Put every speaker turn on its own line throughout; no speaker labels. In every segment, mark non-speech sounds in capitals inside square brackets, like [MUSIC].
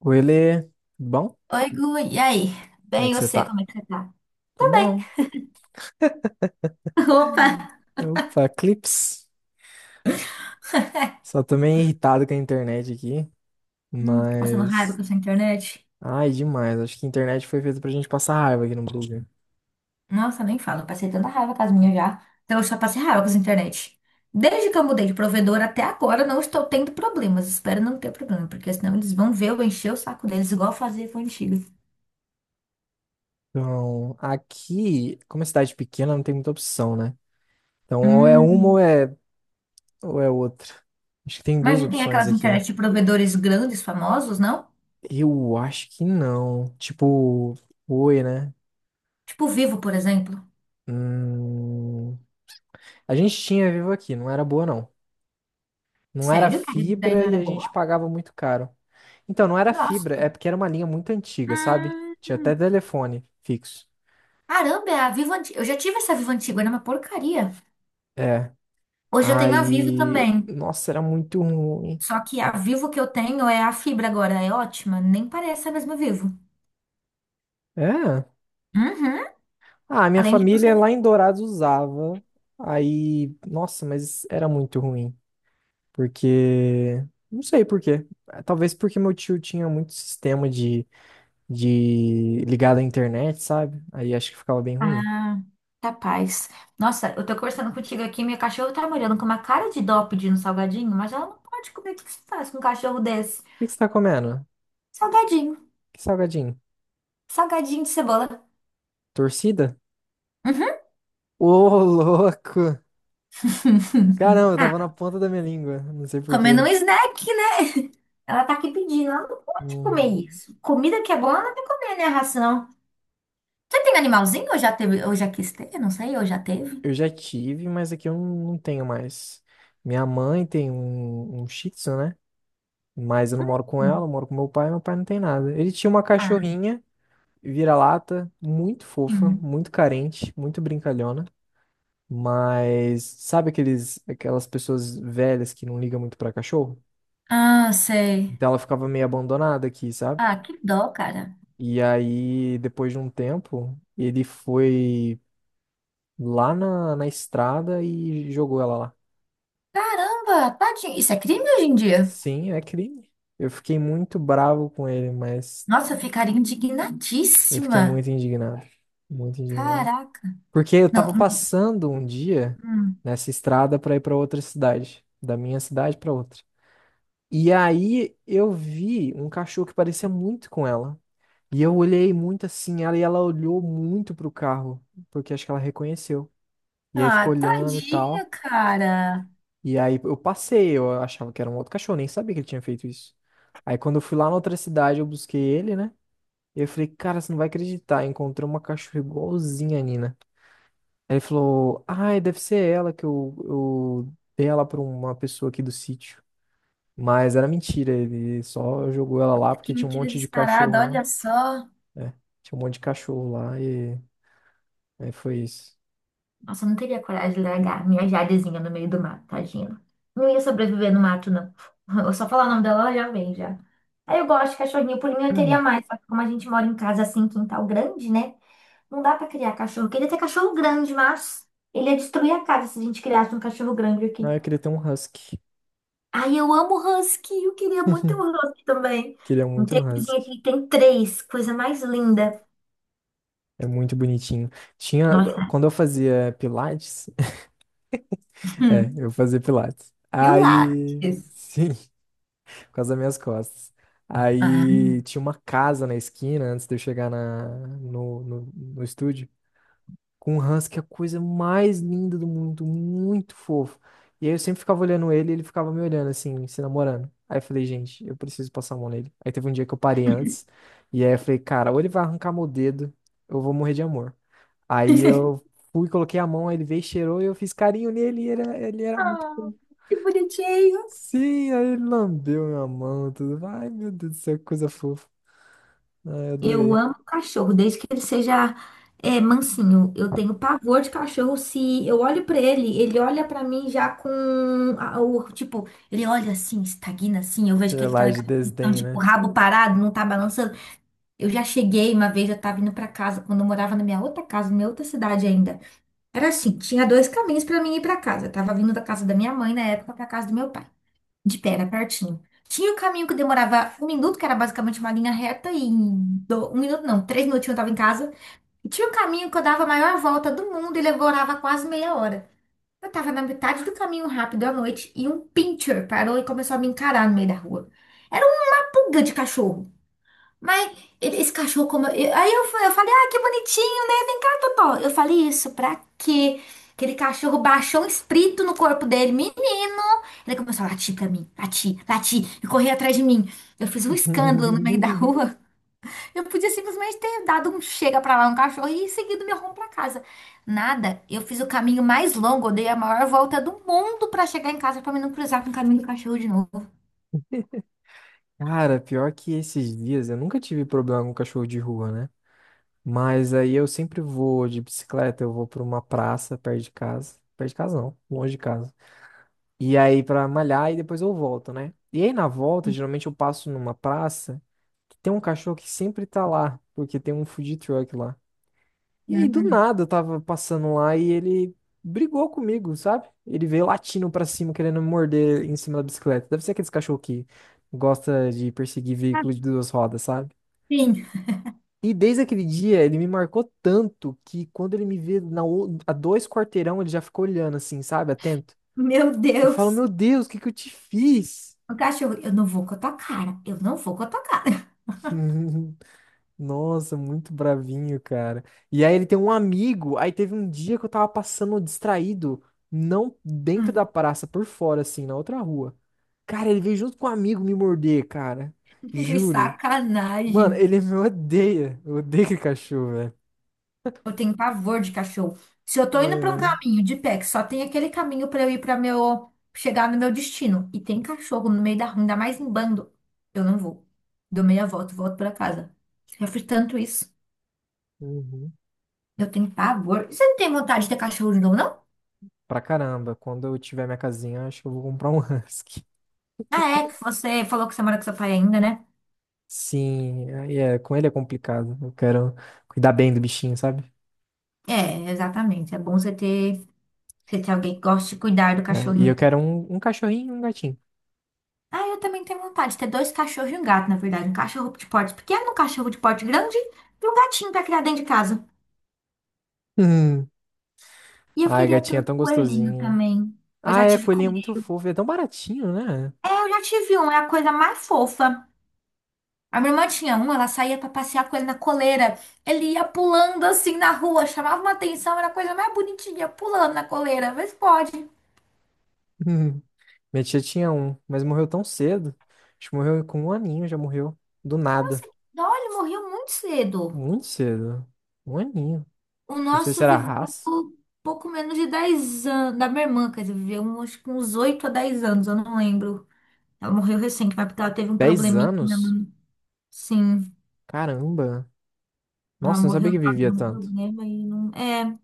Oi, Lê. Tudo bom?
Oi, Gui. E aí?
Como é
Bem, e
que você
você,
tá?
como é que você tá? Tá
Tô
bem.
bom.
[LAUGHS] Opa!
Opa, clips. Só tô meio irritado com a internet aqui,
Passando raiva com
mas.
essa internet?
Ai, demais. Acho que a internet foi feita pra gente passar raiva aqui no Brasil.
Nossa, nem falo. Eu passei tanta raiva com as minhas já. Então eu só passei raiva com essa internet. Desde que eu mudei de provedor até agora, não estou tendo problemas. Espero não ter problema, porque senão eles vão ver eu encher o saco deles, igual fazer com o antigo.
Então, aqui, como é cidade pequena, não tem muita opção, né? Então, ou é uma
Hum.
ou é outra. Acho que tem
Mas
duas
não tem
opções
aquelas
aqui.
internet de provedores grandes, famosos, não?
Eu acho que não. Tipo, oi, né?
Tipo Vivo, por exemplo.
Hum. A gente tinha Vivo aqui, não era boa, não. Não era
Sério? Que a rede daí
fibra
não
e
era
a gente
boa?
pagava muito caro. Então, não era
Nossa.
fibra, é porque era uma linha muito antiga, sabe?
Hum.
Tinha até telefone fixo.
Caramba, é a Vivo antiga. Eu já tive essa Vivo antiga, era uma porcaria.
É.
Hoje eu tenho a Vivo
Aí.
também.
Nossa, era muito ruim.
Só que a Vivo que eu tenho é a fibra agora, é ótima. Nem parece a mesma Vivo.
É.
Uhum.
Ah, minha
Além de você.
família lá em Dourados usava. Aí. Nossa, mas era muito ruim. Porque. Não sei por quê. É, talvez porque meu tio tinha muito sistema de, ligado à internet, sabe? Aí acho que ficava bem ruim. O
Ah, capaz. Nossa, eu tô conversando contigo aqui, minha cachorra tá me olhando com uma cara de dó pedindo salgadinho, mas ela não pode comer. O que que você faz com um cachorro desse?
que que você tá comendo?
Salgadinho.
Que salgadinho?
Salgadinho de cebola.
Torcida?
Uhum.
Ô, louco! Caramba,
[LAUGHS]
eu
Ah,
tava na ponta da minha língua, não sei por
comendo um
quê.
snack, né? Ela tá aqui pedindo, ela não pode comer
Hum,
isso. Comida que é boa, ela tem que comer, né? Ração. Você tem animalzinho ou já teve, ou já quis ter? Não sei, ou já teve?
Eu já tive, mas aqui eu não tenho mais. Minha mãe tem um Shih Tzu, né? Mas eu não moro com
Hum.
ela, eu moro com meu pai não tem nada. Ele tinha uma
Ah,
cachorrinha, vira-lata, muito fofa,
sim.
muito carente, muito brincalhona. Mas sabe aquelas pessoas velhas que não ligam muito pra cachorro?
Ah, sei.
Então ela ficava meio abandonada aqui, sabe?
Ah, que dó, cara.
E aí, depois de um tempo, ele foi lá na estrada e jogou ela lá.
Caramba, tadinho. Isso é crime hoje em dia?
Sim, é crime. Eu fiquei muito bravo com ele, mas
Nossa, eu ficaria
eu fiquei
indignadíssima.
muito indignado. Muito indignado.
Caraca.
Porque eu
Não.
tava
Hum.
passando um dia
Hum.
nessa estrada pra ir pra outra cidade, da minha cidade pra outra. E aí eu vi um cachorro que parecia muito com ela. E eu olhei muito assim ela e ela olhou muito pro carro, porque acho que ela reconheceu. E aí
Ah,
ficou olhando e
tadinho,
tal.
cara.
E aí eu passei, eu achava que era um outro cachorro, nem sabia que ele tinha feito isso. Aí quando eu fui lá na outra cidade, eu busquei ele, né? Eu falei, cara, você não vai acreditar, encontrei uma cachorra igualzinha a Nina. Aí ele falou, ai, deve ser ela que eu, dei ela pra uma pessoa aqui do sítio. Mas era mentira, ele só jogou ela lá porque
Que
tinha um
mentira
monte de
descarada,
cachorro lá.
olha só.
É, tinha um monte de cachorro lá e aí foi isso.
Nossa, eu não teria coragem de largar minha Jadezinha no meio do mato, tadinha. Não ia sobreviver no mato, não. [LAUGHS] Eu só falar o nome dela, ela já vem, já. Aí eu gosto de cachorrinho, por mim, eu
Hum.
teria mais. Só que como a gente mora em casa assim, quintal grande, né? Não dá pra criar cachorro. Eu queria ter cachorro grande, mas ele ia destruir a casa se a gente criasse um cachorro grande
Ah,
aqui.
eu queria ter um husky.
Ai, eu amo husky. Eu queria muito ter
[LAUGHS]
um husky também.
Queria
Um
muito um
vizinho
husky.
aqui que tem três. Coisa mais linda.
É muito bonitinho. Tinha,
Nossa.
Quando eu fazia pilates, [LAUGHS] é, eu
[LAUGHS]
fazia pilates. Aí,
Pilates.
sim, [LAUGHS] por causa das minhas costas.
Ah,
Aí tinha uma casa na esquina antes de eu chegar na, no, no, no estúdio, com um husky, a coisa mais linda do mundo, muito fofo. E aí eu sempre ficava olhando ele, e ele ficava me olhando assim, se namorando. Aí eu falei, gente, eu preciso passar a mão nele. Aí teve um dia que eu parei antes, e aí eu falei, cara, ou ele vai arrancar meu dedo, ou eu vou morrer de amor. Aí eu fui, coloquei a mão, aí ele veio, cheirou e eu fiz carinho nele e ele era muito
Ah,
fofo.
que bonitinho.
Sim, aí ele lambeu minha mão, tudo. Ai, meu Deus do céu, que coisa fofa. Ai, eu
Eu
adorei.
amo cachorro, desde que ele seja mansinho. Eu tenho pavor de cachorro. Se eu olho pra ele, ele olha pra mim já com o tipo, ele olha assim, estagna assim. Eu vejo que
É
ele tá
lar de
naquela posição,
desdém,
tipo,
né?
rabo parado, não tá balançando. Eu já cheguei uma vez, eu tava indo pra casa, quando eu morava na minha outra casa, na minha outra cidade ainda. Era assim, tinha dois caminhos pra mim ir pra casa. Eu tava vindo da casa da minha mãe na época pra casa do meu pai. De pé, era pertinho. Tinha o caminho que demorava um minuto, que era basicamente uma linha reta, e um minuto não, três minutinhos eu tava em casa. E tinha o caminho que eu dava a maior volta do mundo e demorava quase meia hora. Eu tava na metade do caminho rápido à noite e um pincher parou e começou a me encarar no meio da rua. Era uma pulga de cachorro. Mas esse cachorro como. Aí eu, eu falei, ah, que bonitinho, né? Vem cá, Totó. Eu falei isso, pra quê? Aquele cachorro baixou um espírito no corpo dele, menino. Ele começou a latir pra mim, latir, latir, e correr atrás de mim. Eu fiz um escândalo no meio da
[LAUGHS]
rua. Eu podia simplesmente ter dado um chega pra lá no cachorro e seguido meu rumo pra casa. Nada, eu fiz o caminho mais longo, eu dei a maior volta do mundo pra chegar em casa pra mim não cruzar com o caminho do cachorro de novo.
Cara, pior que esses dias eu nunca tive problema com cachorro de rua, né? Mas aí eu sempre vou de bicicleta, eu vou pra uma praça perto de casa. Perto de casa não, longe de casa. E aí pra malhar e depois eu volto, né? E aí na volta, geralmente eu passo numa praça que tem um cachorro que sempre tá lá, porque tem um food truck lá. E aí do
Hum.
nada eu tava passando lá e ele brigou comigo, sabe? Ele veio latindo pra cima querendo me morder em cima da bicicleta. Deve ser aqueles cachorro que gosta de perseguir veículo de duas rodas, sabe?
Sim,
E desde aquele dia ele me marcou tanto que quando ele me vê a dois quarteirão ele já ficou olhando assim, sabe? Atento.
meu
Eu falo,
Deus.
meu Deus, o que que eu te fiz?
O cachorro, eu não vou com a tua cara. Eu não vou com a tua cara. [LAUGHS]
[LAUGHS] Uhum. Nossa, muito bravinho, cara. E aí ele tem um amigo. Aí teve um dia que eu tava passando distraído, não dentro da
Hum,
praça, por fora, assim, na outra rua. Cara, ele veio junto com um amigo me morder, cara.
que
Juro. Mano,
sacanagem.
ele me odeia. Eu odeio aquele cachorro, velho.
Eu tenho pavor de cachorro. Se eu tô indo pra um
É.
caminho de pé, que só tem aquele caminho pra eu ir para meu chegar no meu destino e tem cachorro no meio da rua, ainda mais em bando, eu não vou. Dou meia volta, volto pra casa. Eu fiz tanto isso.
Uhum.
Eu tenho pavor. Você não tem vontade de ter cachorro de novo, não?
Pra caramba. Quando eu tiver minha casinha, eu acho que eu vou comprar um [LAUGHS] husky.
Ah, é que você falou que você mora com seu pai ainda, né?
Sim, aí é, com ele é complicado. Eu quero cuidar bem do bichinho, sabe?
É, exatamente. É bom você ter alguém que goste de cuidar do
É, e eu
cachorrinho.
quero um cachorrinho e um gatinho.
Ah, eu também tenho vontade de ter dois cachorros e um gato, na verdade. Um cachorro de porte pequeno, um cachorro de porte grande e um gatinho pra criar dentro de casa.
Hum.
E eu
Ai,
queria ter
gatinha, é
um
tão
coelhinho
gostosinho, né?
também. Eu
Ah,
já
é,
tive
coelhinho é muito
coelho.
fofo. É tão baratinho, né?
É, eu já tive um, é a coisa mais fofa. A minha irmã tinha um, ela saía pra passear com ele na coleira. Ele ia pulando assim na rua, chamava uma atenção, era a coisa mais bonitinha, pulando na coleira. Mas pode.
Hum. Minha tia tinha um, mas morreu tão cedo. Acho que morreu com um aninho, já morreu. Do
Nossa,
nada.
que dó, ele morreu muito cedo.
Muito cedo. Um aninho.
O
Não sei se
nosso
era
viveu
raça.
pouco menos de 10 anos. Da minha irmã, quer dizer, viveu um, acho que uns 8 a 10 anos, eu não lembro. Ela morreu recente, mas porque ela teve um
Dez
probleminha, minha
anos?
irmã. Sim,
Caramba.
ela
Nossa, não sabia
morreu
que
por causa de
vivia
um
tanto.
problema e não. É.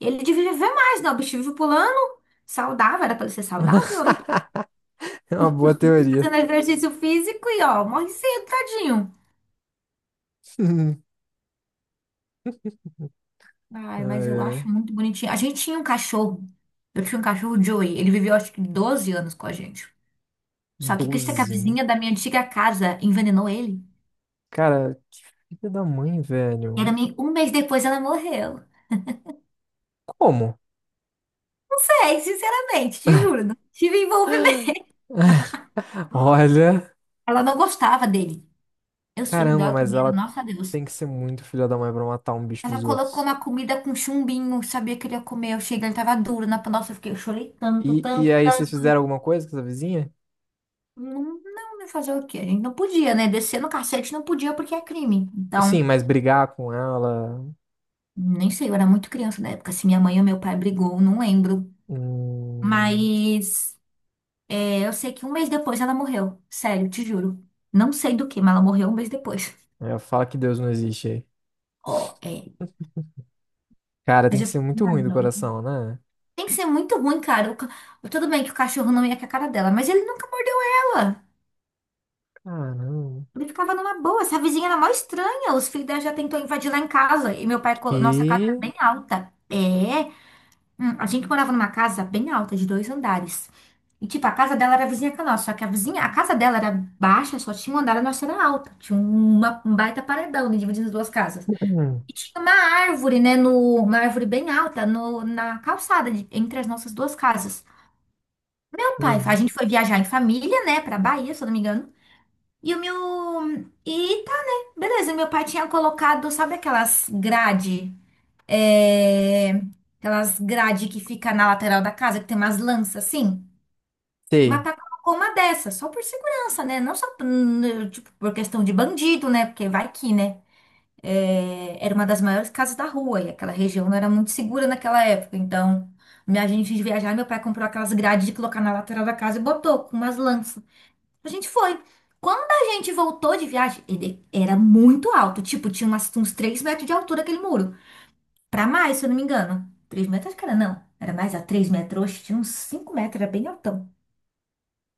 Ele devia viver mais, não. O bicho vive pulando, saudável, era pra ele ser saudável, né?
[LAUGHS] É uma boa teoria.
Fazendo exercício físico e, ó, morre cedo, tadinho.
[LAUGHS]
Ai, mas
Ai,
eu acho
ai.
muito bonitinho. A gente tinha um cachorro. Eu tinha um cachorro, o Joey. Ele viveu acho que 12 anos com a gente. Só que acredita que a
12.
vizinha da minha antiga casa envenenou ele?
Cara, que filha da mãe,
Era
velho.
um mês depois ela morreu.
Como?
Sei, sinceramente, te juro, não tive envolvimento.
[LAUGHS] Olha.
Ela não gostava dele. E os filhos
Caramba,
dela
mas
também eram,
ela
nossa Deus.
tem que ser muito filha da mãe pra matar um bicho
Ela
dos
colocou
outros.
uma comida com chumbinho, sabia que ele ia comer. Eu cheguei, ele tava duro na nossa, eu fiquei, eu chorei tanto,
E
tanto,
aí,
tanto.
vocês fizeram alguma coisa com essa vizinha?
Não, não, né, fazer o quê? A gente não podia, né? Descer no cacete não podia porque é crime.
Sim,
Então,
mas brigar com ela.
nem sei, eu era muito criança na época. Se minha mãe ou meu pai brigou, não lembro.
Hum,
Mas. É, eu sei que um mês depois ela morreu. Sério, te juro. Não sei do que, mas ela morreu um mês depois.
É, fala que Deus não existe aí.
[LAUGHS] Ó, é.
Cara, tem
Mas
que
eu
ser
fiquei com
muito
uma
ruim do
dó.
coração, né?
Tem que ser muito ruim, cara. Tudo bem que o cachorro não ia com a cara dela, mas ele nunca mordeu ela.
Caramba.
Ele ficava numa boa. Essa vizinha era mó estranha. Os filhos dela já tentou invadir lá em casa. E meu pai, nossa casa era
Que.
bem alta. É. A gente morava numa casa bem alta, de dois andares. E, tipo, a casa dela era vizinha com a nossa. Só que a vizinha, a casa dela era baixa, só tinha um andar, a nossa era alta. Tinha uma, um baita paredão, né, dividindo as duas casas.
Uhum.
E tinha uma árvore, né, no, uma árvore bem alta, no, na calçada, entre as nossas duas casas. Meu pai, a
Uhum.
gente foi viajar em família, né, pra Bahia, se eu não me engano. E o meu... E tá, né, beleza. Meu pai tinha colocado, sabe aquelas grade? É, aquelas grade que fica na lateral da casa, que tem umas lanças assim. O
Sei.
Mapa colocou uma dessa, só por segurança, né? Não só tipo, por questão de bandido, né? Porque vai que, né? É, era uma das maiores casas da rua e aquela região não era muito segura naquela época. Então, a gente de viajar, meu pai comprou aquelas grades de colocar na lateral da casa e botou com umas lanças. A gente foi. Quando a gente voltou de viagem, ele era muito alto, tipo, tinha uns 3 metros de altura aquele muro. Pra mais, se eu não me engano. 3 metros, cara, não. Era mais a 3 metros. Oxe, tinha uns 5 metros, era bem altão.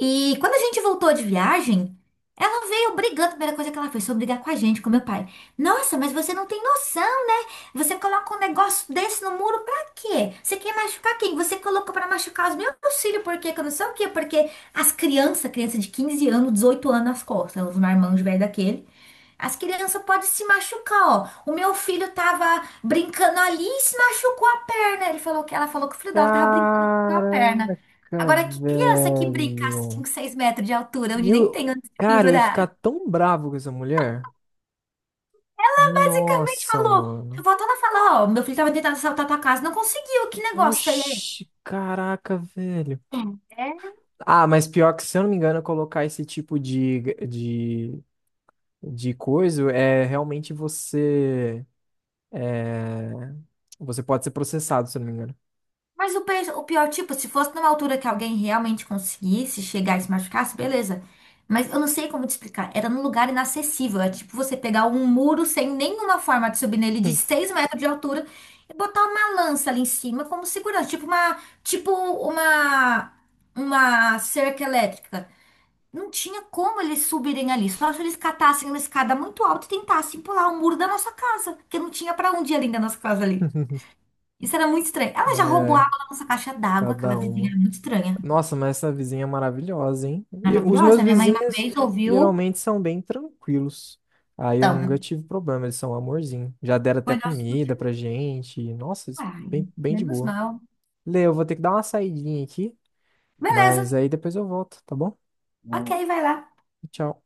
E quando a gente voltou de viagem, ela veio brigando. A primeira coisa que ela fez foi brigar com a gente, com meu pai. Nossa, mas você não tem noção, né? Você coloca um negócio desse no muro pra quê? Você quer machucar quem? Você colocou pra machucar os meus filhos, por quê? Que eu não sei o quê. Porque as crianças, criança de 15 anos, 18 anos nas costas, os marmanjos velho daquele. As crianças podem se machucar, ó. O meu filho tava brincando ali e se machucou a perna. Ele falou que ela falou que o filho dela tava brincando com a perna.
Caraca,
Agora, que criança que brinca a
velho.
5, 6 metros de altura, onde nem
Meu.
tem onde se
Cara, eu ia
pendurar?
ficar tão bravo com essa mulher.
Basicamente
Nossa,
falou,
mano.
voltando a falar, ó, meu filho tava tentando assaltar tua casa, não conseguiu, que negócio feio aí.
Oxi, caraca, velho.
É,
Ah, mas pior que, se eu não me engano, colocar esse tipo de, de, de, coisa é realmente você. É, você pode ser processado, se eu não me engano.
mas o, o pior, tipo, se fosse numa altura que alguém realmente conseguisse chegar e se machucasse, beleza. Mas eu não sei como te explicar, era num lugar inacessível, é tipo você pegar um muro sem nenhuma forma de subir nele de 6 metros de altura e botar uma lança ali em cima como segurança, tipo uma cerca elétrica. Não tinha como eles subirem ali. Só se eles catassem uma escada muito alta e tentassem pular o muro da nossa casa, porque não tinha pra onde ir além da nossa casa ali.
[LAUGHS]
Isso era muito estranho. Ela já
Ai,
roubou
ai,
água da nossa caixa d'água, aquela
cada
vizinha
uma.
era muito estranha.
Nossa, mas essa vizinha é maravilhosa, hein? E os meus
Maravilhosa. Minha mãe uma
vizinhos
vez ouviu.
geralmente são bem tranquilos. Aí eu nunca
Então,
tive problema, eles são um amorzinho. Já deram até
foi nosso
comida
último.
pra gente. Nossa,
Ai,
bem, bem de
menos
boa.
mal.
Lê, eu vou ter que dar uma saidinha aqui,
Beleza.
mas aí depois eu volto, tá bom?
Hum. Ok, vai lá.
Tchau.